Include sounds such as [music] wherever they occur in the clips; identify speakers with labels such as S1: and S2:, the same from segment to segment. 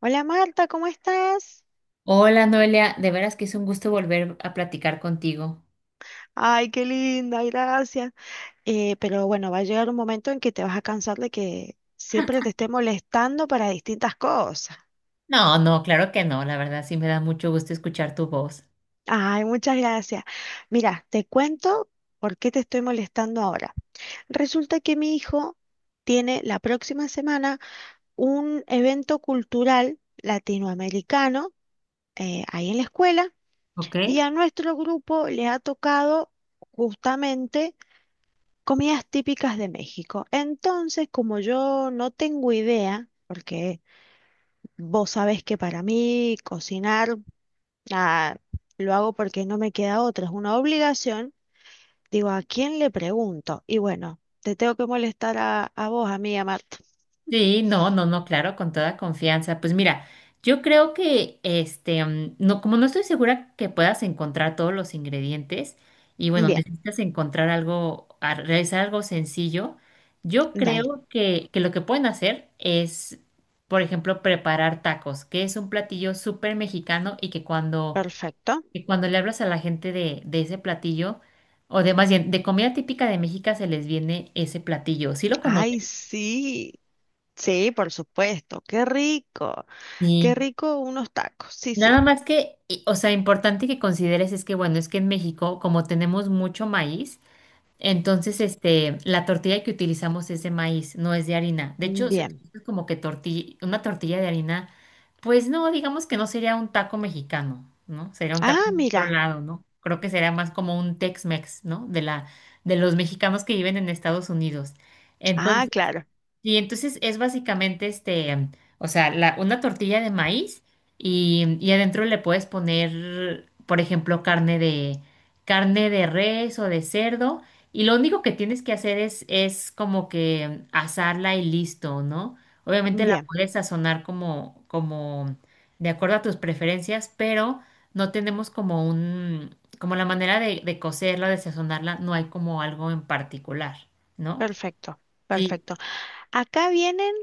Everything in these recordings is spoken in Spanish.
S1: Hola Marta, ¿cómo estás?
S2: Hola Noelia, de veras que es un gusto volver a platicar contigo.
S1: Ay, qué linda, gracias. Pero bueno, va a llegar un momento en que te vas a cansar de que siempre te esté molestando para distintas cosas.
S2: No, no, claro que no, la verdad sí me da mucho gusto escuchar tu voz.
S1: Ay, muchas gracias. Mira, te cuento por qué te estoy molestando ahora. Resulta que mi hijo tiene la próxima semana un evento cultural latinoamericano ahí en la escuela
S2: ¿Ok?
S1: y a nuestro grupo le ha tocado justamente comidas típicas de México. Entonces, como yo no tengo idea, porque vos sabés que para mí cocinar, ah, lo hago porque no me queda otra, es una obligación, digo, ¿a quién le pregunto? Y bueno, te tengo que molestar a vos, a mí, a Marta.
S2: Sí, no, no, no, claro, con toda confianza. Pues mira, yo creo que no, como no estoy segura que puedas encontrar todos los ingredientes y bueno,
S1: Bien,
S2: necesitas encontrar algo, realizar algo sencillo, yo
S1: dale,
S2: creo que lo que pueden hacer es, por ejemplo, preparar tacos, que es un platillo súper mexicano y que cuando
S1: perfecto.
S2: que cuando le hablas a la gente de ese platillo, o de más bien, de comida típica de México se les viene ese platillo. ¿Sí lo conoces?
S1: Ay, sí. Sí, por supuesto, qué
S2: Sí.
S1: rico unos tacos, sí, sí,
S2: Nada más que, o sea, importante que consideres es que, bueno, es que en México, como tenemos mucho maíz. Entonces, la tortilla que utilizamos es de maíz, no es de harina. De hecho, se
S1: bien.
S2: utiliza como que tortilla, una tortilla de harina, pues no, digamos que no sería un taco mexicano, ¿no? Sería un taco
S1: Ah,
S2: de otro
S1: mira,
S2: lado, ¿no? Creo que sería más como un Tex-Mex, ¿no? De la, de los mexicanos que viven en Estados Unidos.
S1: ah, claro,
S2: Y entonces es básicamente o sea, una tortilla de maíz y adentro le puedes poner, por ejemplo, carne de res o de cerdo. Y lo único que tienes que hacer es como que asarla y listo, ¿no? Obviamente la
S1: bien.
S2: puedes sazonar como de acuerdo a tus preferencias, pero no tenemos como un, como la manera de cocerla, de sazonarla, no hay como algo en particular, ¿no?
S1: Perfecto,
S2: Sí.
S1: perfecto. Acá vienen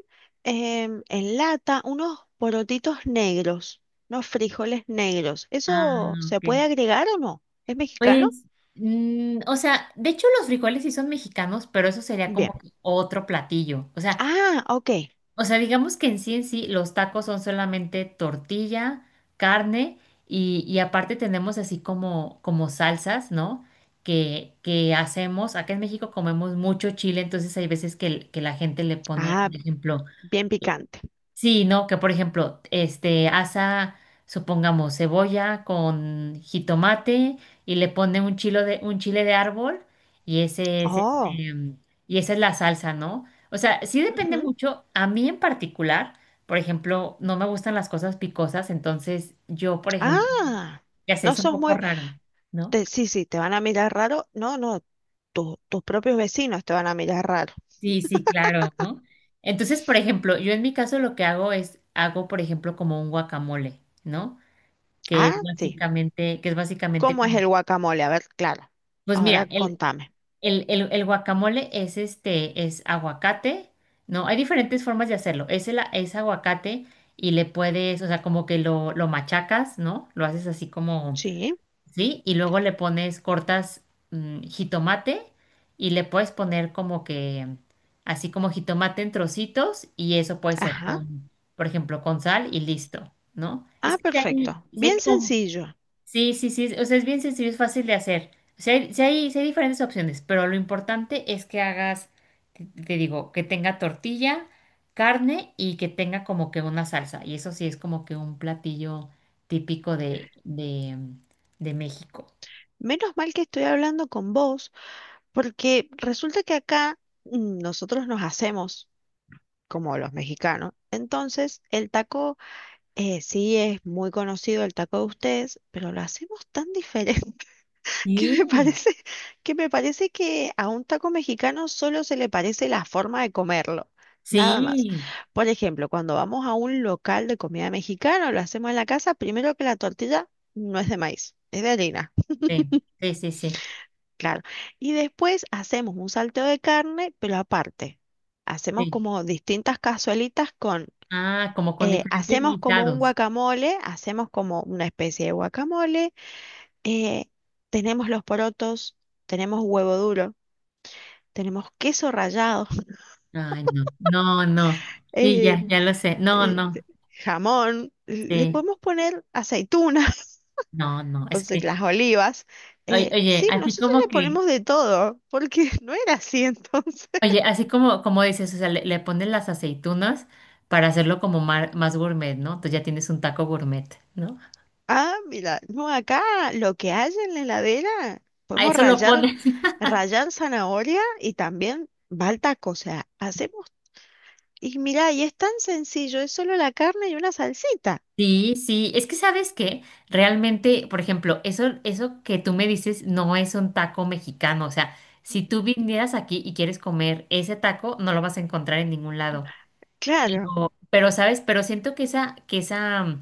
S1: en lata unos porotitos negros, unos frijoles negros.
S2: Ah,
S1: ¿Eso se
S2: ok.
S1: puede agregar o no? ¿Es mexicano?
S2: Pues, o sea, de hecho los frijoles sí son mexicanos, pero eso sería como
S1: Bien.
S2: que otro platillo.
S1: Ah, ok.
S2: O sea, digamos que en sí los tacos son solamente tortilla, carne y aparte tenemos así como, como salsas, ¿no? Que hacemos, acá en México comemos mucho chile, entonces hay veces que que la gente le pone,
S1: Ah,
S2: por ejemplo.
S1: bien picante.
S2: Sí, no, que por ejemplo, asa, supongamos, cebolla con jitomate y le pone un chile de árbol y ese es,
S1: Oh.
S2: y esa es la salsa, ¿no? O sea, sí depende
S1: Ujú.
S2: mucho. A mí en particular, por ejemplo, no me gustan las cosas picosas, entonces yo, por ejemplo,
S1: Ah,
S2: ya sé,
S1: no
S2: es un
S1: sos
S2: poco
S1: muy...
S2: raro, ¿no?
S1: sí, sí, te van a mirar raro. No, no, tus propios vecinos te van a mirar raro.
S2: Sí, sí, claro, ¿no? Entonces, por ejemplo, yo en mi caso lo que hago hago, por ejemplo, como un guacamole, ¿no?
S1: Ah, sí.
S2: Que es básicamente,
S1: ¿Cómo es
S2: como-
S1: el guacamole? A ver, claro.
S2: Pues mira,
S1: Ahora contame.
S2: el guacamole es es aguacate, ¿no? Hay diferentes formas de hacerlo. Es aguacate y le puedes, o sea, como que lo machacas, ¿no? Lo haces así como,
S1: Sí.
S2: ¿sí? Y luego le pones, cortas jitomate y le puedes poner como que, así como jitomate en trocitos y eso puede ser
S1: Ajá.
S2: con, por ejemplo, con sal y listo, ¿no? Es
S1: Ah,
S2: que si hay,
S1: perfecto.
S2: sí hay
S1: Bien
S2: como.
S1: sencillo.
S2: Sí, sí, sí, o sea, es bien sencillo, es fácil de hacer. O sea, hay, sí hay diferentes opciones, pero lo importante es que hagas, te digo, que tenga tortilla, carne y que tenga como que una salsa. Y eso sí es como que un platillo típico de México.
S1: Menos mal que estoy hablando con vos, porque resulta que acá nosotros nos hacemos como los mexicanos. Entonces, el taco sí es muy conocido, el taco de ustedes, pero lo hacemos tan diferente [laughs] que me
S2: Sí,
S1: parece, que me parece que a un taco mexicano solo se le parece la forma de comerlo. Nada más.
S2: sí,
S1: Por ejemplo, cuando vamos a un local de comida mexicana, o lo hacemos en la casa, primero que la tortilla no es de maíz, es de harina.
S2: sí, sí, sí, sí,
S1: Claro. Y después hacemos un salteo de carne, pero aparte, hacemos
S2: sí.
S1: como distintas cazuelitas con,
S2: Ah, como con diferentes
S1: hacemos como un
S2: guisados.
S1: guacamole, hacemos como una especie de guacamole, eh, tenemos los porotos, tenemos huevo duro, tenemos queso rallado, [laughs]
S2: Ay, no, no, no. Sí,
S1: eh,
S2: ya, ya lo sé. No,
S1: eh,
S2: no,
S1: jamón, le
S2: sí,
S1: podemos poner aceitunas,
S2: no,
S1: [laughs]
S2: no.
S1: o
S2: Es
S1: sea, las
S2: que.
S1: olivas.
S2: Oye,
S1: Eh,
S2: oye,
S1: sí,
S2: así
S1: nosotros
S2: como
S1: le
S2: que,
S1: ponemos de todo, porque [laughs] no era así entonces.
S2: oye, así como, como dices, o sea, le pones las aceitunas para hacerlo como más gourmet, ¿no? Entonces ya tienes un taco gourmet, ¿no?
S1: Ah, mira, no, acá lo que hay en la heladera,
S2: A
S1: podemos
S2: eso lo
S1: rallar,
S2: pones. [laughs]
S1: rallar zanahoria y también va al taco. O sea, hacemos, y mira, y es tan sencillo, es solo la carne y una salsita.
S2: Sí, sí, es que sabes que realmente, por ejemplo, eso que tú me dices no es un taco mexicano, o sea, si tú vinieras aquí y quieres comer ese taco, no lo vas a encontrar en ningún lado.
S1: Claro,
S2: Pero, ¿sabes? Pero siento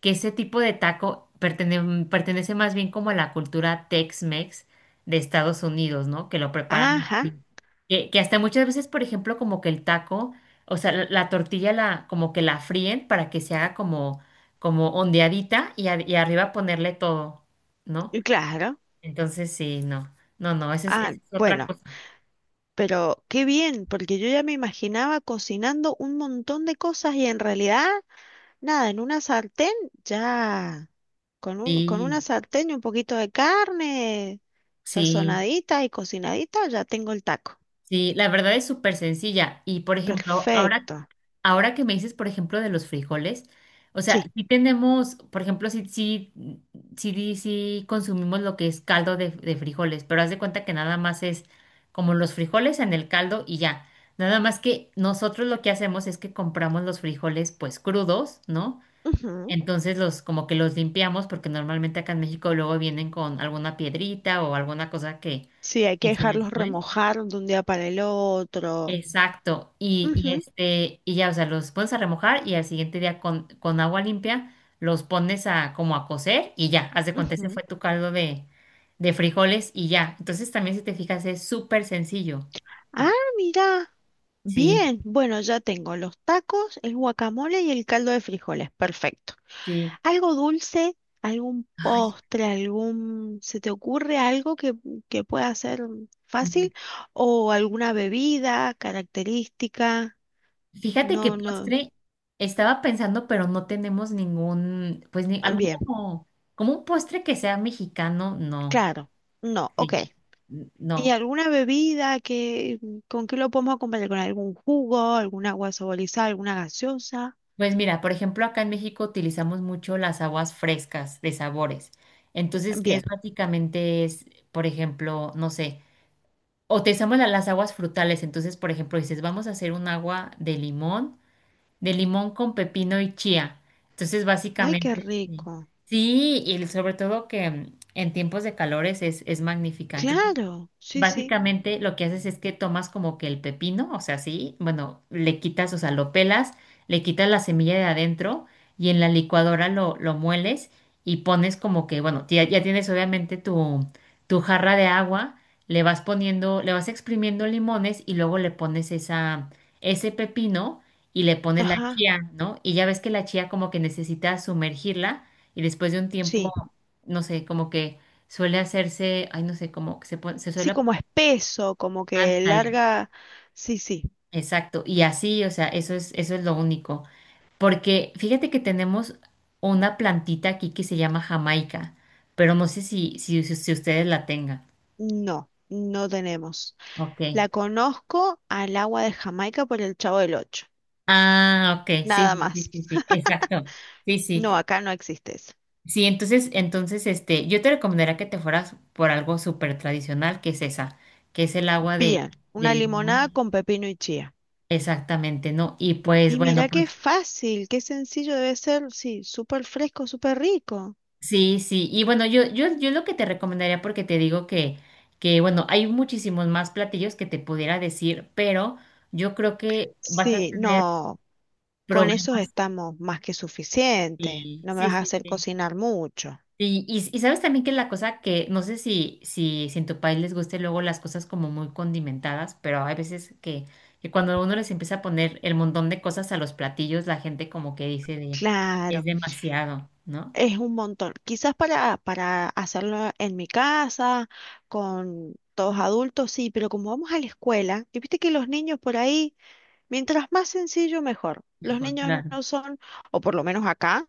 S2: que ese tipo de taco pertenece más bien como a la cultura Tex-Mex de Estados Unidos, ¿no? Que lo preparan
S1: ajá,
S2: así. Que hasta muchas veces, por ejemplo, como que el taco, o sea, la tortilla como que la fríen para que se haga como, como ondeadita y y arriba ponerle todo, ¿no?
S1: y claro.
S2: Entonces, sí, no. No, no,
S1: Ah,
S2: esa es otra
S1: bueno,
S2: cosa.
S1: pero qué bien, porque yo ya me imaginaba cocinando un montón de cosas y en realidad, nada, en una sartén ya. Con un, con
S2: Sí,
S1: una sartén y un poquito de carne
S2: sí.
S1: sazonadita y cocinadita, ya tengo el taco.
S2: Sí, la verdad es súper sencilla. Y por ejemplo, ahora.
S1: Perfecto.
S2: Ahora que me dices, por ejemplo, de los frijoles, o sea,
S1: Sí.
S2: sí tenemos, por ejemplo, sí, sí, sí, sí consumimos lo que es caldo de frijoles, pero haz de cuenta que nada más es como los frijoles en el caldo y ya. Nada más que nosotros lo que hacemos es que compramos los frijoles pues crudos, ¿no?
S1: Ujú.
S2: Entonces los como que los limpiamos porque normalmente acá en México luego vienen con alguna piedrita o alguna cosa
S1: Sí, hay que
S2: que se les
S1: dejarlos
S2: fue.
S1: remojar de un día para el otro.
S2: Exacto, y, y
S1: Ujú,
S2: este, y ya, o sea, los pones a remojar y al siguiente día con agua limpia los pones a como a cocer y ya, haz de cuenta, ese
S1: ujú.
S2: fue tu caldo de frijoles y ya. Entonces también si te fijas es súper sencillo.
S1: Ah, mira.
S2: Sí,
S1: Bien. Bueno, ya tengo los tacos, el guacamole y el caldo de frijoles. Perfecto.
S2: sí.
S1: Algo dulce, algún
S2: Ay,
S1: postre, algún... ¿Se te ocurre algo que pueda ser fácil? ¿O alguna bebida característica?
S2: fíjate que
S1: No, no.
S2: postre estaba pensando, pero no tenemos ningún, pues ni
S1: Ah,
S2: algún
S1: bien,
S2: como, como un postre que sea mexicano, no.
S1: claro. No, ok.
S2: Sí, no.
S1: ¿Y alguna bebida que, con qué lo podemos acompañar? ¿Con algún jugo, algún agua saborizada, alguna gaseosa?
S2: Pues mira, por ejemplo, acá en México utilizamos mucho las aguas frescas de sabores. Entonces, que es
S1: Bien.
S2: básicamente es, por ejemplo, no sé, utilizamos las aguas frutales. Entonces, por ejemplo, dices, vamos a hacer un agua de limón con pepino y chía. Entonces,
S1: Ay, qué
S2: básicamente, sí.
S1: rico.
S2: Sí, y sobre todo que en tiempos de calores es magnífica.
S1: Claro, sí, sí.
S2: Básicamente lo que haces es que tomas como que el pepino, o sea, sí, bueno, le quitas, o sea, lo pelas, le quitas la semilla de adentro y en la licuadora lo mueles y pones como que, bueno, ya, ya tienes obviamente tu, tu jarra de agua, le vas poniendo, le vas exprimiendo limones y luego le pones esa, ese pepino y le pones la
S1: Ajá,
S2: chía, ¿no? Y ya ves que la chía como que necesita sumergirla y después de un tiempo,
S1: sí.
S2: no sé, como que suele hacerse, ay, no sé, como que se
S1: Sí,
S2: suele.
S1: como espeso, como que
S2: Ándale,
S1: larga. Sí, sí.
S2: exacto. Y así, o sea, eso es lo único. Porque fíjate que tenemos una plantita aquí que se llama Jamaica, pero no sé si si ustedes la tengan.
S1: No, no tenemos.
S2: Ok.
S1: La conozco al agua de Jamaica por el Chavo del Ocho.
S2: Ah, ok, sí,
S1: Nada
S2: sí,
S1: más.
S2: sí, sí, sí,
S1: [laughs]
S2: exacto. Sí,
S1: No,
S2: sí.
S1: acá no existe eso.
S2: Sí, entonces, entonces, yo te recomendaría que te fueras por algo súper tradicional, que es esa, que es el agua
S1: Bien,
S2: de
S1: una limonada
S2: limón.
S1: con pepino y chía.
S2: Exactamente, ¿no? Y pues,
S1: Y mira
S2: bueno,
S1: qué
S2: pues.
S1: fácil, qué sencillo debe ser. Sí, súper fresco, súper rico.
S2: Sí, sí, y bueno, yo lo que te recomendaría, porque te digo que, bueno, hay muchísimos más platillos que te pudiera decir, pero yo creo que vas a
S1: Sí,
S2: tener
S1: no, con eso
S2: problemas.
S1: estamos más que suficiente.
S2: Sí,
S1: No me
S2: sí,
S1: vas a
S2: sí,
S1: hacer
S2: sí.
S1: cocinar mucho.
S2: Y sabes también que la cosa que, no sé si si en tu país les guste luego las cosas como muy condimentadas, pero hay veces que cuando uno les empieza a poner el montón de cosas a los platillos, la gente como que dice de, es
S1: Claro.
S2: demasiado, ¿no?
S1: Es un montón. Quizás para hacerlo en mi casa, con todos adultos, sí, pero como vamos a la escuela, y viste que los niños por ahí, mientras más sencillo, mejor. Los
S2: Mejor,
S1: niños
S2: claro.
S1: no son, o por lo menos acá,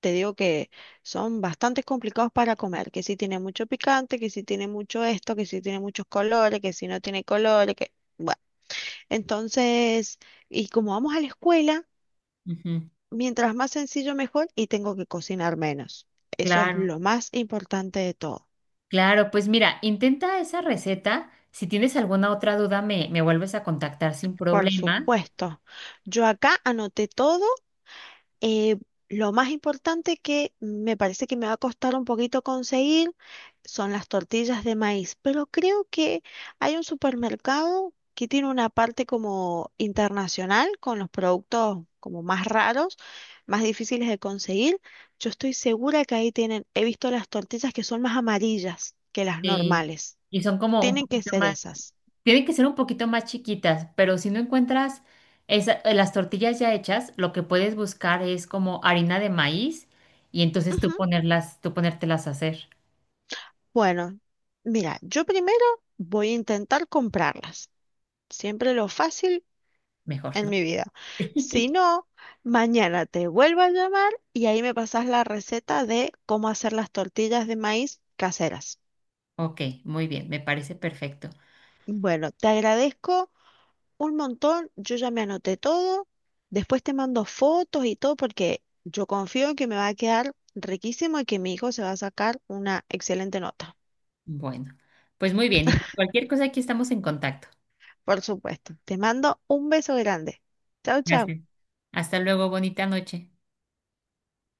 S1: te digo que son bastante complicados para comer, que si tiene mucho picante, que si tiene mucho esto, que si tiene muchos colores, que si no tiene colores, que... Bueno, entonces, y como vamos a la escuela...
S2: Ujú.
S1: Mientras más sencillo, mejor y tengo que cocinar menos. Eso es
S2: Claro.
S1: lo más importante de todo.
S2: Claro, pues mira, intenta esa receta. Si tienes alguna otra duda, me vuelves a contactar sin
S1: Por
S2: problema.
S1: supuesto. Yo acá anoté todo. eh, lo más importante que me parece que me va a costar un poquito conseguir son las tortillas de maíz, pero creo que hay un supermercado que tiene una parte como internacional con los productos como más raros, más difíciles de conseguir. Yo estoy segura que ahí tienen, he visto las tortillas que son más amarillas que las
S2: eh,
S1: normales.
S2: y son como un
S1: Tienen que
S2: poquito
S1: ser
S2: más,
S1: esas.
S2: tienen que ser un poquito más chiquitas, pero si no encuentras las tortillas ya hechas, lo que puedes buscar es como harina de maíz y entonces tú
S1: Ujú.
S2: ponerlas, tú ponértelas a hacer
S1: Bueno, mira, yo primero voy a intentar comprarlas. Siempre lo fácil
S2: mejor,
S1: en
S2: ¿no?
S1: mi vida. Si
S2: [laughs]
S1: no, mañana te vuelvo a llamar y ahí me pasas la receta de cómo hacer las tortillas de maíz caseras.
S2: Ok, muy bien, me parece perfecto.
S1: Bueno, te agradezco un montón, yo ya me anoté todo, después te mando fotos y todo porque yo confío en que me va a quedar riquísimo y que mi hijo se va a sacar una excelente nota.
S2: Bueno, pues muy bien, y cualquier cosa aquí estamos en contacto.
S1: Por supuesto, te mando un beso grande. Chao, chao.
S2: Gracias. Hasta luego, bonita noche.